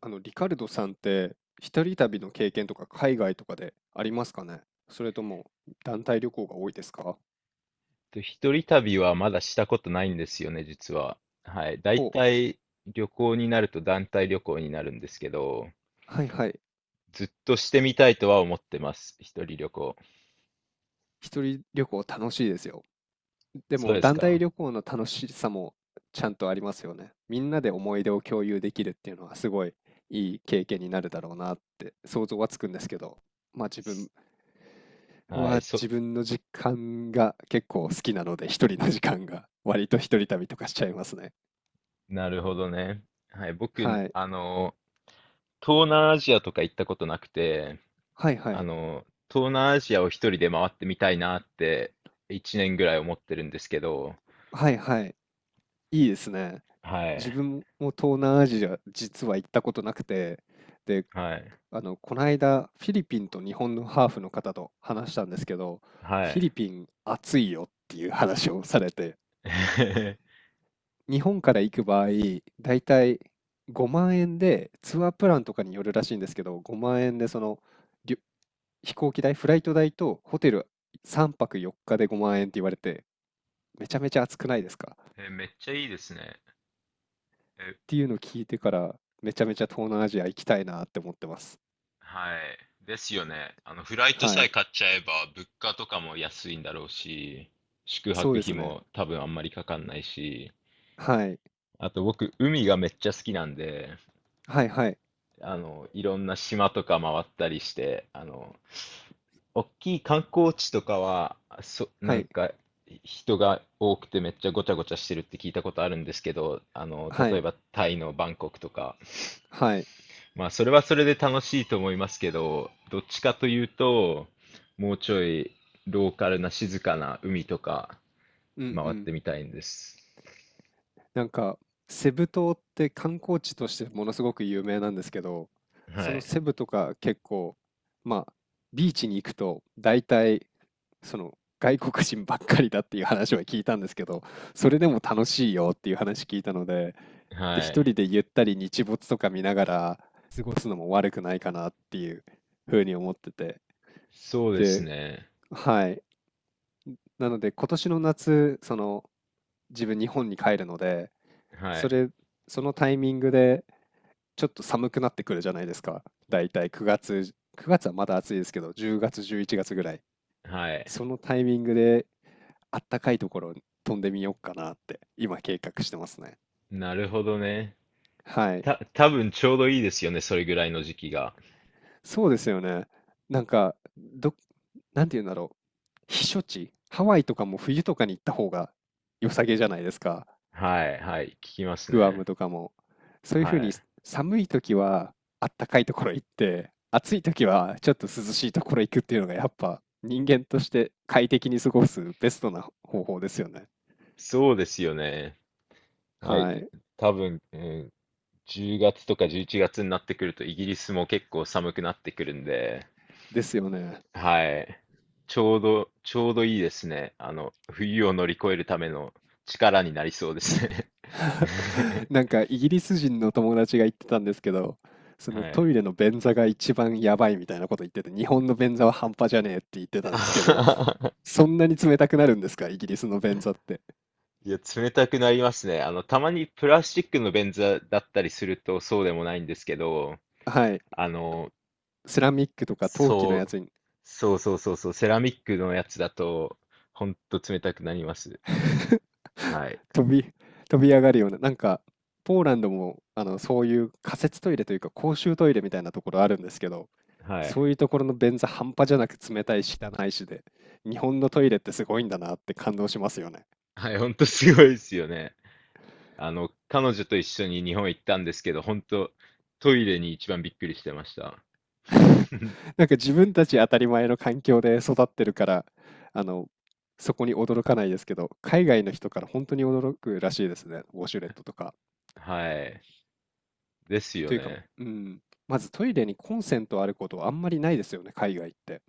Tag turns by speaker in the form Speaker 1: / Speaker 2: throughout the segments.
Speaker 1: リカルドさんって、一人旅の経験とか海外とかでありますかね？それとも団体旅行が多いですか？
Speaker 2: 一人旅はまだしたことないんですよね、実は。はい。大
Speaker 1: ほう、
Speaker 2: 体旅行になると団体旅行になるんですけど、
Speaker 1: はいはい。
Speaker 2: ずっとしてみたいとは思ってます。一人旅行。
Speaker 1: 一人旅行楽しいですよ。で
Speaker 2: そう
Speaker 1: も
Speaker 2: です
Speaker 1: 団
Speaker 2: か。
Speaker 1: 体旅行の楽しさもちゃんとありますよね。みんなで思い出を共有できるっていうのはすごいいい経験になるだろうなって想像はつくんですけど、まあ自分
Speaker 2: はい。
Speaker 1: は自分の時間が結構好きなので、一人の時間が割と一人旅とかしちゃいますね。
Speaker 2: なるほどね。はい。僕ね、
Speaker 1: はい。
Speaker 2: 東南アジアとか行ったことなくて、
Speaker 1: はいはい。
Speaker 2: 東南アジアを一人で回ってみたいなって、1年ぐらい思ってるんですけど、
Speaker 1: はいはい。いいですね。
Speaker 2: は
Speaker 1: 自
Speaker 2: い。
Speaker 1: 分も東南アジア、実は行ったことなくて、で、
Speaker 2: はい。
Speaker 1: この間、フィリピンと日本のハーフの方と話したんですけど、フ
Speaker 2: は
Speaker 1: ィリ
Speaker 2: い。
Speaker 1: ピン暑いよっていう話をされて、日本から行く場合、だいたい5万円で、ツアープランとかによるらしいんですけど、5万円でりゅ飛行機代、フライト代とホテル3泊4日で5万円って言われて、めちゃめちゃ暑くないですか？
Speaker 2: めっちゃいいですね。
Speaker 1: っていうのを聞いてから、めちゃめちゃ東南アジア行きたいなって思ってます。
Speaker 2: はい。ですよね。フライト
Speaker 1: は
Speaker 2: さえ
Speaker 1: い。
Speaker 2: 買っちゃえば、物価とかも安いんだろうし、宿
Speaker 1: そう
Speaker 2: 泊
Speaker 1: で
Speaker 2: 費
Speaker 1: すね。
Speaker 2: も多分あんまりかかんないし、
Speaker 1: はい。
Speaker 2: あと僕、海がめっちゃ好きなんで、
Speaker 1: はいはい。
Speaker 2: いろんな島とか回ったりして、大きい観光地とかは、
Speaker 1: は
Speaker 2: なん
Speaker 1: い。
Speaker 2: か、人が多くてめっちゃごちゃごちゃしてるって聞いたことあるんですけど、
Speaker 1: は
Speaker 2: 例え
Speaker 1: い。
Speaker 2: ばタイのバンコクとか、
Speaker 1: はい。
Speaker 2: まあ、それはそれで楽しいと思いますけど、どっちかというと、もうちょいローカルな静かな海とか
Speaker 1: うんう
Speaker 2: 回っ
Speaker 1: ん。
Speaker 2: てみたいんです。
Speaker 1: なんか、セブ島って観光地としてものすごく有名なんですけど、
Speaker 2: は
Speaker 1: その
Speaker 2: い。
Speaker 1: セブとか結構、まあ、ビーチに行くと大体、その外国人ばっかりだっていう話は聞いたんですけど、それでも楽しいよっていう話聞いたので、で、
Speaker 2: は
Speaker 1: 一
Speaker 2: い。
Speaker 1: 人でゆったり日没とか見ながら過ごすのも悪くないかなっていうふうに思ってて。
Speaker 2: そうです
Speaker 1: で、
Speaker 2: ね。
Speaker 1: はい。なので今年の夏、その自分日本に帰るので、
Speaker 2: は
Speaker 1: そ
Speaker 2: い。
Speaker 1: れ、そのタイミングでちょっと寒くなってくるじゃないですか。だいたい9月、9月はまだ暑いですけど、10月、11月ぐらい。
Speaker 2: はい。
Speaker 1: そのタイミングであったかいところに飛んでみようかなって今計画してますね。
Speaker 2: なるほどね。
Speaker 1: はい。
Speaker 2: 多分ちょうどいいですよね。それぐらいの時期が。
Speaker 1: そうですよね。なんか、ど、なんて言うんだろう。避暑地、ハワイとかも冬とかに行った方が良さげじゃないですか。
Speaker 2: はい。はい。聞きます
Speaker 1: グア
Speaker 2: ね。
Speaker 1: ムとかも。そういうふう
Speaker 2: は
Speaker 1: に
Speaker 2: い。
Speaker 1: 寒い時はあったかいところ行って、暑い時はちょっと涼しいところ行くっていうのがやっぱ人間として快適に過ごすベストな方法ですよね。
Speaker 2: そうですよね。は
Speaker 1: は
Speaker 2: い。
Speaker 1: い。
Speaker 2: 多分、うん、10月とか11月になってくるとイギリスも結構寒くなってくるんで、
Speaker 1: ですよね。
Speaker 2: はい。ちょうどいいですね。冬を乗り越えるための力になりそうですね。
Speaker 1: なんかイギリス人の友達が言ってたんですけど、その
Speaker 2: は
Speaker 1: ト
Speaker 2: い。
Speaker 1: イレの便座が一番やばいみたいなこと言ってて、日本の便座は半端じゃねえって言ってたんですけど、そんなに冷たくなるんですか、イギリスの便座って？
Speaker 2: いや、冷たくなりますね。たまにプラスチックの便座だったりするとそうでもないんですけど、
Speaker 1: はい。
Speaker 2: あの、
Speaker 1: セラミックとか陶器の
Speaker 2: そ
Speaker 1: や
Speaker 2: う、
Speaker 1: つに
Speaker 2: そうそうそうそう、セラミックのやつだと、ほんと冷たくなります。はい。
Speaker 1: 飛び、飛び上がるような、なんか、ポーランドも、そういう仮設トイレというか公衆トイレみたいなところあるんですけど、
Speaker 2: はい。
Speaker 1: そういうところの便座半端じゃなく冷たいし汚いしで、日本のトイレってすごいんだなって感動しますよね。
Speaker 2: はい、ほんとすごいですよね。彼女と一緒に日本行ったんですけど、本当トイレに一番びっくりしてました。
Speaker 1: なんか自分たち当たり前の環境で育ってるから、あの、そこに驚かないですけど、海外の人から本当に驚くらしいですね、ウォシュレットとか。
Speaker 2: はい。ですよ
Speaker 1: というか、
Speaker 2: ね。
Speaker 1: うん、まずトイレにコンセントあることはあんまりないですよね、海外って。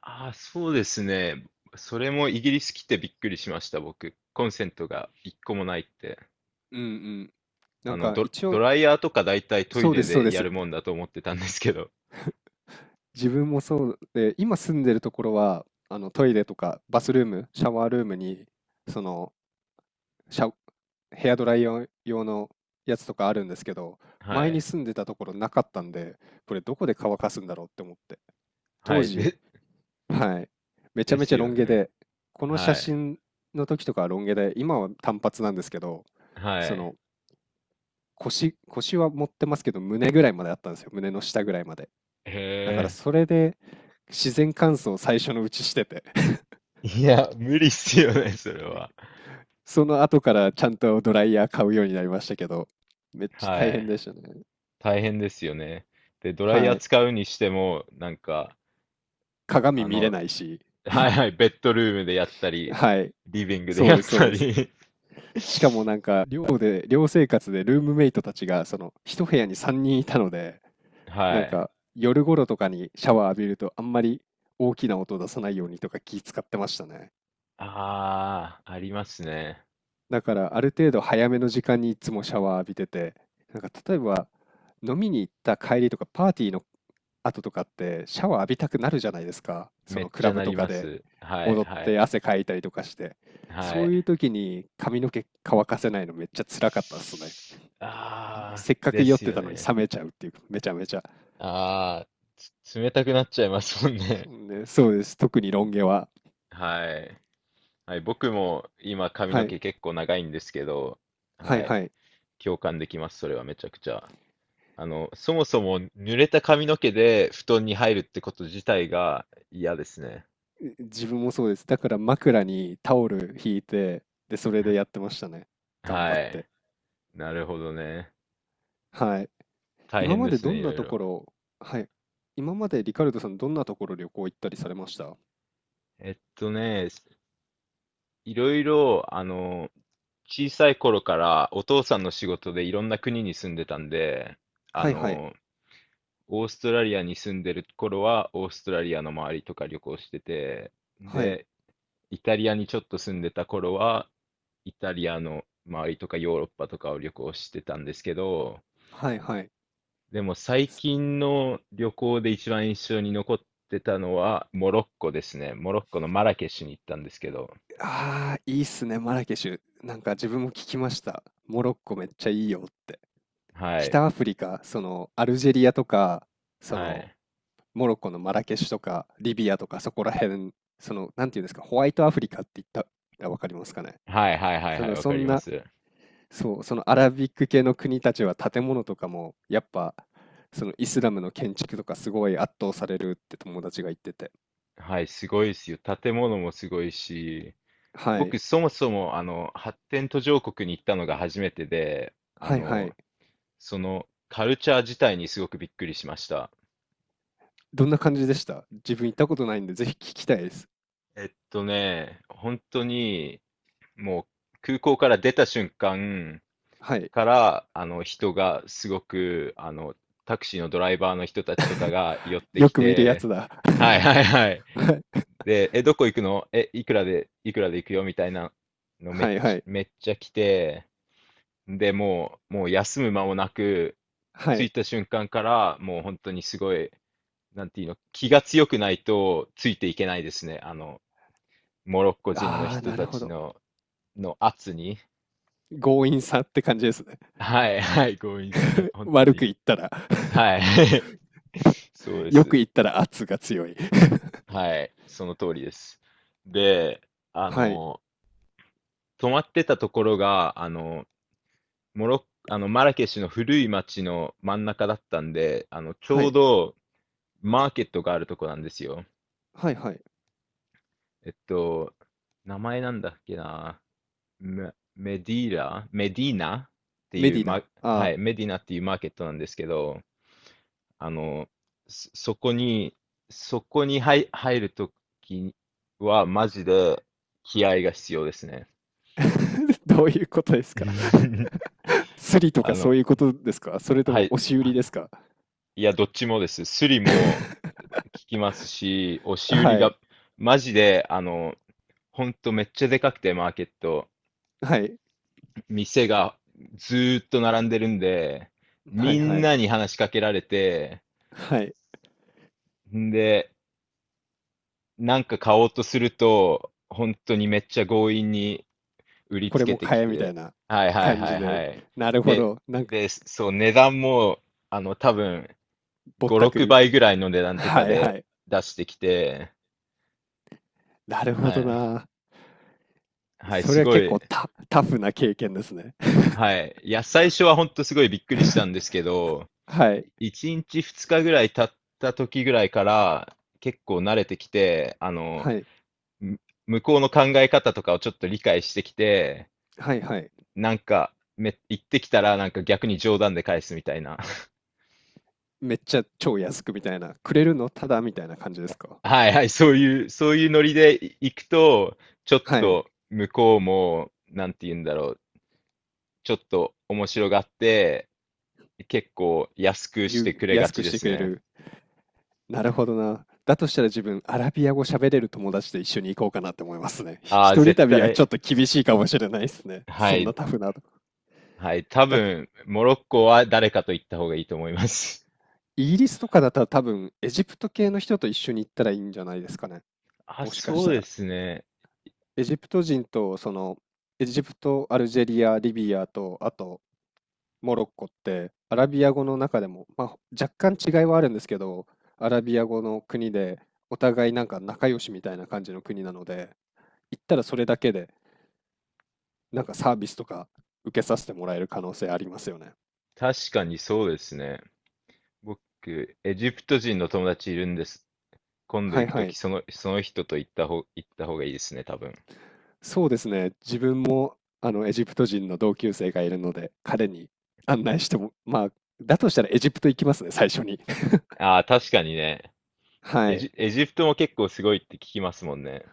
Speaker 2: ああ、そうですね。それもイギリス来てびっくりしました、僕。コンセントが1個もないって。
Speaker 1: うんうん。なんか一
Speaker 2: ド
Speaker 1: 応、
Speaker 2: ライヤーとか大体トイ
Speaker 1: そうで
Speaker 2: レ
Speaker 1: す、そう
Speaker 2: で
Speaker 1: で
Speaker 2: や
Speaker 1: す。
Speaker 2: るもんだと思ってたんですけど。
Speaker 1: 自分もそうで、今住んでるところは、あのトイレとかバスルーム、シャワールームに、その、シャ、ヘアドライヤー用のやつとかあるんですけど、
Speaker 2: は
Speaker 1: 前に
Speaker 2: い。
Speaker 1: 住んでたところなかったんで、これどこで乾かすんだろうって思って。
Speaker 2: は
Speaker 1: 当
Speaker 2: い。
Speaker 1: 時、
Speaker 2: で、
Speaker 1: はい、めちゃ
Speaker 2: で
Speaker 1: め
Speaker 2: す
Speaker 1: ちゃロ
Speaker 2: よ
Speaker 1: ン毛
Speaker 2: ね。
Speaker 1: で、この写
Speaker 2: はい。
Speaker 1: 真の時とかはロン毛で、今は短髪なんですけど、
Speaker 2: は
Speaker 1: そ
Speaker 2: い。
Speaker 1: の、腰は持ってますけど、胸ぐらいまであったんですよ、胸の下ぐらいまで。
Speaker 2: へ
Speaker 1: だから
Speaker 2: え。
Speaker 1: それで自然乾燥を最初のうちしてて
Speaker 2: いや、無理っすよね、それは。
Speaker 1: その後からちゃんとドライヤー買うようになりましたけど、めっちゃ
Speaker 2: は
Speaker 1: 大変
Speaker 2: い。
Speaker 1: でしたね。
Speaker 2: 大変ですよね。で、ドライヤ
Speaker 1: は
Speaker 2: ー
Speaker 1: い。
Speaker 2: 使うにしても、なんか、
Speaker 1: 鏡
Speaker 2: あ
Speaker 1: 見れ
Speaker 2: の、
Speaker 1: ないし、
Speaker 2: はいはい、ベッドルームでやったり、
Speaker 1: はい。
Speaker 2: リビングで
Speaker 1: そう
Speaker 2: やっ
Speaker 1: です、そう
Speaker 2: た
Speaker 1: です。
Speaker 2: り
Speaker 1: しかもなんか寮で、寮生活でルームメイトたちがその一部屋に3人いたので、
Speaker 2: は
Speaker 1: なん
Speaker 2: い。
Speaker 1: か夜頃とかにシャワー浴びるとあんまり大きな音出さないようにとか気使ってましたね。
Speaker 2: ああ、ありますね。
Speaker 1: だからある程度早めの時間にいつもシャワー浴びてて、なんか例えば飲みに行った帰りとかパーティーの後とかってシャワー浴びたくなるじゃないですか。そ
Speaker 2: め
Speaker 1: の
Speaker 2: っ
Speaker 1: ク
Speaker 2: ち
Speaker 1: ラ
Speaker 2: ゃ
Speaker 1: ブ
Speaker 2: なり
Speaker 1: とか
Speaker 2: ま
Speaker 1: で
Speaker 2: す。はい、
Speaker 1: 踊っ
Speaker 2: は
Speaker 1: て
Speaker 2: い、
Speaker 1: 汗かいたりとかして。
Speaker 2: は
Speaker 1: そういう
Speaker 2: い。
Speaker 1: 時に髪の毛乾かせないのめっちゃ辛かったっすね。
Speaker 2: あ
Speaker 1: せ
Speaker 2: あ、
Speaker 1: っかく
Speaker 2: で
Speaker 1: 酔っ
Speaker 2: す
Speaker 1: て
Speaker 2: よ
Speaker 1: たのに
Speaker 2: ね。
Speaker 1: 冷めちゃうっていう、めちゃめちゃ。
Speaker 2: ああ、冷たくなっちゃいますもん
Speaker 1: そ
Speaker 2: ね。
Speaker 1: うね、そうです。特にロン毛は。
Speaker 2: はい。はい、僕も今髪
Speaker 1: は
Speaker 2: の
Speaker 1: い。
Speaker 2: 毛結構長いんですけど、
Speaker 1: はい
Speaker 2: は
Speaker 1: は
Speaker 2: い。
Speaker 1: い。
Speaker 2: 共感できます、それはめちゃくちゃ。そもそも濡れた髪の毛で布団に入るってこと自体が嫌ですね。
Speaker 1: 自分もそうです。だから枕にタオル引いて、で、それでやってましたね。頑張っ
Speaker 2: は
Speaker 1: て。
Speaker 2: い。なるほどね。
Speaker 1: はい。
Speaker 2: 大
Speaker 1: 今
Speaker 2: 変
Speaker 1: ま
Speaker 2: で
Speaker 1: で
Speaker 2: す
Speaker 1: ど
Speaker 2: ね、
Speaker 1: ん
Speaker 2: いろ
Speaker 1: な
Speaker 2: い
Speaker 1: と
Speaker 2: ろ。
Speaker 1: ころ、はい、今までリカルドさん、どんなところ旅行行ったりされました？
Speaker 2: えっとね、いろいろ、小さい頃からお父さんの仕事でいろんな国に住んでたんで、あ
Speaker 1: はいはい。
Speaker 2: の、オーストラリアに住んでる頃はオーストラリアの周りとか旅行してて、
Speaker 1: はい。
Speaker 2: で、イタリアにちょっと住んでた頃はイタリアの周りとかヨーロッパとかを旅行してたんですけど、
Speaker 1: はいはい。
Speaker 2: でも最
Speaker 1: す
Speaker 2: 近の旅行で一番印象に残ってたのはモロッコですね。モロッコのマラケシュに行ったんですけど、
Speaker 1: ああ、いいっすね、マラケシュ。なんか自分も聞きました。モロッコめっちゃいいよって。
Speaker 2: はい、
Speaker 1: 北アフリカ、そのアルジェリアとか、そ
Speaker 2: は
Speaker 1: の
Speaker 2: い。
Speaker 1: モロッコのマラケシュとか、リビアとかそこら辺、その、なんていうんですか、ホワイトアフリカって言ったらわかりますかね？
Speaker 2: はいはいはい
Speaker 1: そ
Speaker 2: はい、
Speaker 1: の、
Speaker 2: わ
Speaker 1: そ
Speaker 2: かり
Speaker 1: ん
Speaker 2: ま
Speaker 1: な、
Speaker 2: す。
Speaker 1: そう、そのアラビック系の国たちは建物とかもやっぱそのイスラムの建築とかすごい圧倒されるって友達が言ってて。
Speaker 2: はい、すごいですよ。建物もすごいし、
Speaker 1: はい。
Speaker 2: 僕そもそもあの発展途上国に行ったのが初めてで、あ
Speaker 1: はいは
Speaker 2: の、
Speaker 1: い。
Speaker 2: そのカルチャー自体にすごくびっくりしました。
Speaker 1: どんな感じでした？自分行ったことないんでぜひ聞きたいです。
Speaker 2: 本当にもう空港から出た瞬間
Speaker 1: はい。
Speaker 2: から、あの人がすごく、タクシーのドライバーの人たちとかが寄っ て
Speaker 1: よ
Speaker 2: き
Speaker 1: く見るや
Speaker 2: て、
Speaker 1: つだ。
Speaker 2: はいはいはい。
Speaker 1: はい。
Speaker 2: で、どこ行くのいくらで行くよみたいなのめ
Speaker 1: は
Speaker 2: っ
Speaker 1: いは
Speaker 2: ちゃ、
Speaker 1: い。
Speaker 2: めっちゃ来て、で、もう休む間もなく、
Speaker 1: は
Speaker 2: 着
Speaker 1: い。
Speaker 2: いた瞬間から、もう本当にすごい、なんていうの、気が強くないとついていけないですね。モロッコ人の
Speaker 1: ああ、
Speaker 2: 人
Speaker 1: なる
Speaker 2: た
Speaker 1: ほ
Speaker 2: ち
Speaker 1: ど。
Speaker 2: の、圧に。
Speaker 1: 強引さって感じですね。
Speaker 2: はい、はい、強引さに、本当
Speaker 1: 悪く
Speaker 2: に。
Speaker 1: 言ったら。
Speaker 2: はい。そう で
Speaker 1: よ
Speaker 2: す。
Speaker 1: く言ったら圧が強い。
Speaker 2: はい、その通りです。で、あ
Speaker 1: はい。
Speaker 2: の、泊まってたところが、あの、モロッ、あの、マラケシュの古い町の真ん中だったんで、ち
Speaker 1: は
Speaker 2: ょう
Speaker 1: い。
Speaker 2: どマーケットがあるとこなんですよ。
Speaker 1: はいはい。
Speaker 2: えっと、名前なんだっけな。メディーナって
Speaker 1: メ
Speaker 2: いう、
Speaker 1: ディナ。あ
Speaker 2: は
Speaker 1: あ。
Speaker 2: い、メディナっていうマーケットなんですけど、あの、そ、そこに、そこに入るときは、マジで気合が必要ですね。
Speaker 1: どういうことですか？ スリと
Speaker 2: あ
Speaker 1: かそ
Speaker 2: の、
Speaker 1: ういうことですか？それと
Speaker 2: は
Speaker 1: も
Speaker 2: い。
Speaker 1: 押し売りですか？
Speaker 2: いや、どっちもです。スリも 聞きますし、押し売り
Speaker 1: はい。
Speaker 2: が、マジで、ほんとめっちゃでかくて、マーケット。
Speaker 1: はい。
Speaker 2: 店がずーっと並んでるんで、
Speaker 1: は
Speaker 2: み
Speaker 1: いは
Speaker 2: ん
Speaker 1: い。
Speaker 2: なに話しかけられて、
Speaker 1: はい。
Speaker 2: んで、なんか買おうとすると、本当にめっちゃ強引に売り
Speaker 1: こ
Speaker 2: つ
Speaker 1: れ
Speaker 2: け
Speaker 1: も
Speaker 2: てき
Speaker 1: 買えみた
Speaker 2: て、
Speaker 1: いな
Speaker 2: はいはい
Speaker 1: 感
Speaker 2: は
Speaker 1: じ
Speaker 2: いは
Speaker 1: で。
Speaker 2: い。
Speaker 1: なるほ
Speaker 2: で、
Speaker 1: ど。なんか
Speaker 2: で、そう、値段も、多分、
Speaker 1: ぼっ
Speaker 2: 5、
Speaker 1: たく
Speaker 2: 6
Speaker 1: り。
Speaker 2: 倍ぐらいの値段とか
Speaker 1: はいは
Speaker 2: で
Speaker 1: い。
Speaker 2: 出してきて、
Speaker 1: なるほ
Speaker 2: は
Speaker 1: ど
Speaker 2: い。
Speaker 1: な。
Speaker 2: はい、
Speaker 1: そ
Speaker 2: す
Speaker 1: れは
Speaker 2: ご
Speaker 1: 結
Speaker 2: い。
Speaker 1: 構タタフな経験ですね。
Speaker 2: はい。いや、最初は本当すごいびっくりしたんですけど、
Speaker 1: はい。
Speaker 2: 1日2日ぐらい経った時ぐらいから、結構慣れてきて、
Speaker 1: はい。
Speaker 2: む向こうの考え方とかをちょっと理解してきて、
Speaker 1: はいはい。
Speaker 2: なんか、言ってきたらなんか逆に冗談で返すみたいな。
Speaker 1: めっちゃ超安くみたいな。くれるのただみたいな感じですか？
Speaker 2: はいはい、そういうノリで行くと、ちょっ
Speaker 1: はい。
Speaker 2: と向こうも、なんて言うんだろう、ちょっと面白がって、結構安くしてくれが
Speaker 1: 安く
Speaker 2: ち
Speaker 1: し
Speaker 2: で
Speaker 1: て
Speaker 2: す
Speaker 1: くれ
Speaker 2: ね。
Speaker 1: る。なるほどな。だとしたら自分、アラビア語喋れる友達と一緒に行こうかなって思いますね。
Speaker 2: ああ、
Speaker 1: 一人
Speaker 2: 絶
Speaker 1: 旅はち
Speaker 2: 対、
Speaker 1: ょっと厳しいかもしれないですね。
Speaker 2: は
Speaker 1: そんな
Speaker 2: い、
Speaker 1: タフな。だ
Speaker 2: はい、多
Speaker 1: から
Speaker 2: 分、モロッコは誰かと行った方がいいと思います。
Speaker 1: イギリスとかだったら多分、エジプト系の人と一緒に行ったらいいんじゃないですかね。
Speaker 2: あ、
Speaker 1: もしかし
Speaker 2: そう
Speaker 1: た
Speaker 2: で
Speaker 1: ら。
Speaker 2: すね。
Speaker 1: エジプト人と、その、エジプト、アルジェリア、リビアと、あと、モロッコって、アラビア語の中でも、まあ、若干違いはあるんですけど、アラビア語の国で、お互いなんか仲良しみたいな感じの国なので、行ったらそれだけで、なんかサービスとか受けさせてもらえる可能性ありますよね。
Speaker 2: 確かにそうですね。僕、エジプト人の友達いるんです。今度
Speaker 1: はい
Speaker 2: 行くと
Speaker 1: はい。
Speaker 2: き、その人と行った方がいいですね、多分。
Speaker 1: そうですね。自分もあのエジプト人の同級生がいるので、彼に案内しても、まあ、だとしたらエジプト行きますね、最初に。
Speaker 2: ああ、確かにね。
Speaker 1: はい。
Speaker 2: エジプトも結構すごいって聞きますもんね。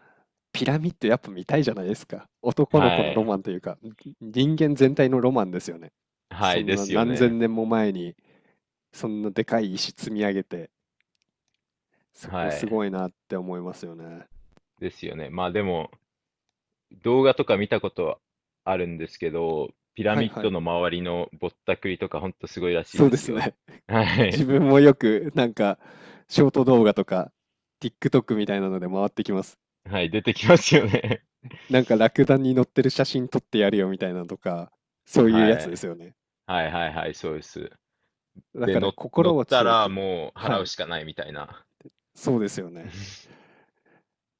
Speaker 1: ピラミッドやっぱ見たいじゃないですか。
Speaker 2: は
Speaker 1: 男の子のロ
Speaker 2: い。
Speaker 1: マンというか、人間全体のロマンですよね。
Speaker 2: は
Speaker 1: そ
Speaker 2: い、
Speaker 1: ん
Speaker 2: で
Speaker 1: な
Speaker 2: すよ
Speaker 1: 何
Speaker 2: ね。
Speaker 1: 千年も前に、そんなでかい石積み上げて、そこ
Speaker 2: は
Speaker 1: す
Speaker 2: い。
Speaker 1: ごいなって思いますよね。
Speaker 2: ですよね。まあでも、動画とか見たことあるんですけど、ピラ
Speaker 1: は
Speaker 2: ミ
Speaker 1: い
Speaker 2: ッ
Speaker 1: は
Speaker 2: ド
Speaker 1: い。
Speaker 2: の周りのぼったくりとかほんとすごいらしい
Speaker 1: そう
Speaker 2: で
Speaker 1: で
Speaker 2: す
Speaker 1: す
Speaker 2: よ。
Speaker 1: ね。
Speaker 2: はい。
Speaker 1: 自分もよく、なんか、ショート動画とか、TikTok みたいなので回ってきます。
Speaker 2: はい、出てきますよね。
Speaker 1: なんか、ラクダに乗ってる写真撮ってやるよみたいなのとか、そういう
Speaker 2: は
Speaker 1: やつです
Speaker 2: い。
Speaker 1: よね。
Speaker 2: はいはいはい、そうです。
Speaker 1: だ
Speaker 2: で、
Speaker 1: から、
Speaker 2: 乗っ
Speaker 1: 心は
Speaker 2: た
Speaker 1: 強
Speaker 2: ら
Speaker 1: く。
Speaker 2: もう
Speaker 1: は
Speaker 2: 払う
Speaker 1: い。
Speaker 2: しかないみたいな。
Speaker 1: そうですよね。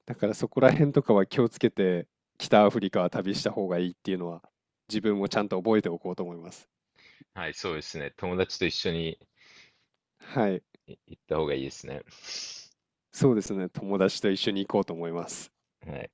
Speaker 1: だから、そこら辺とかは気をつけて、北アフリカは旅した方がいいっていうのは、自分もちゃんと覚えておこうと思います。
Speaker 2: はい、そうですね。友達と一緒に
Speaker 1: はい。
Speaker 2: 行った方がいいですね。
Speaker 1: そうですね。友達と一緒に行こうと思います。
Speaker 2: はい。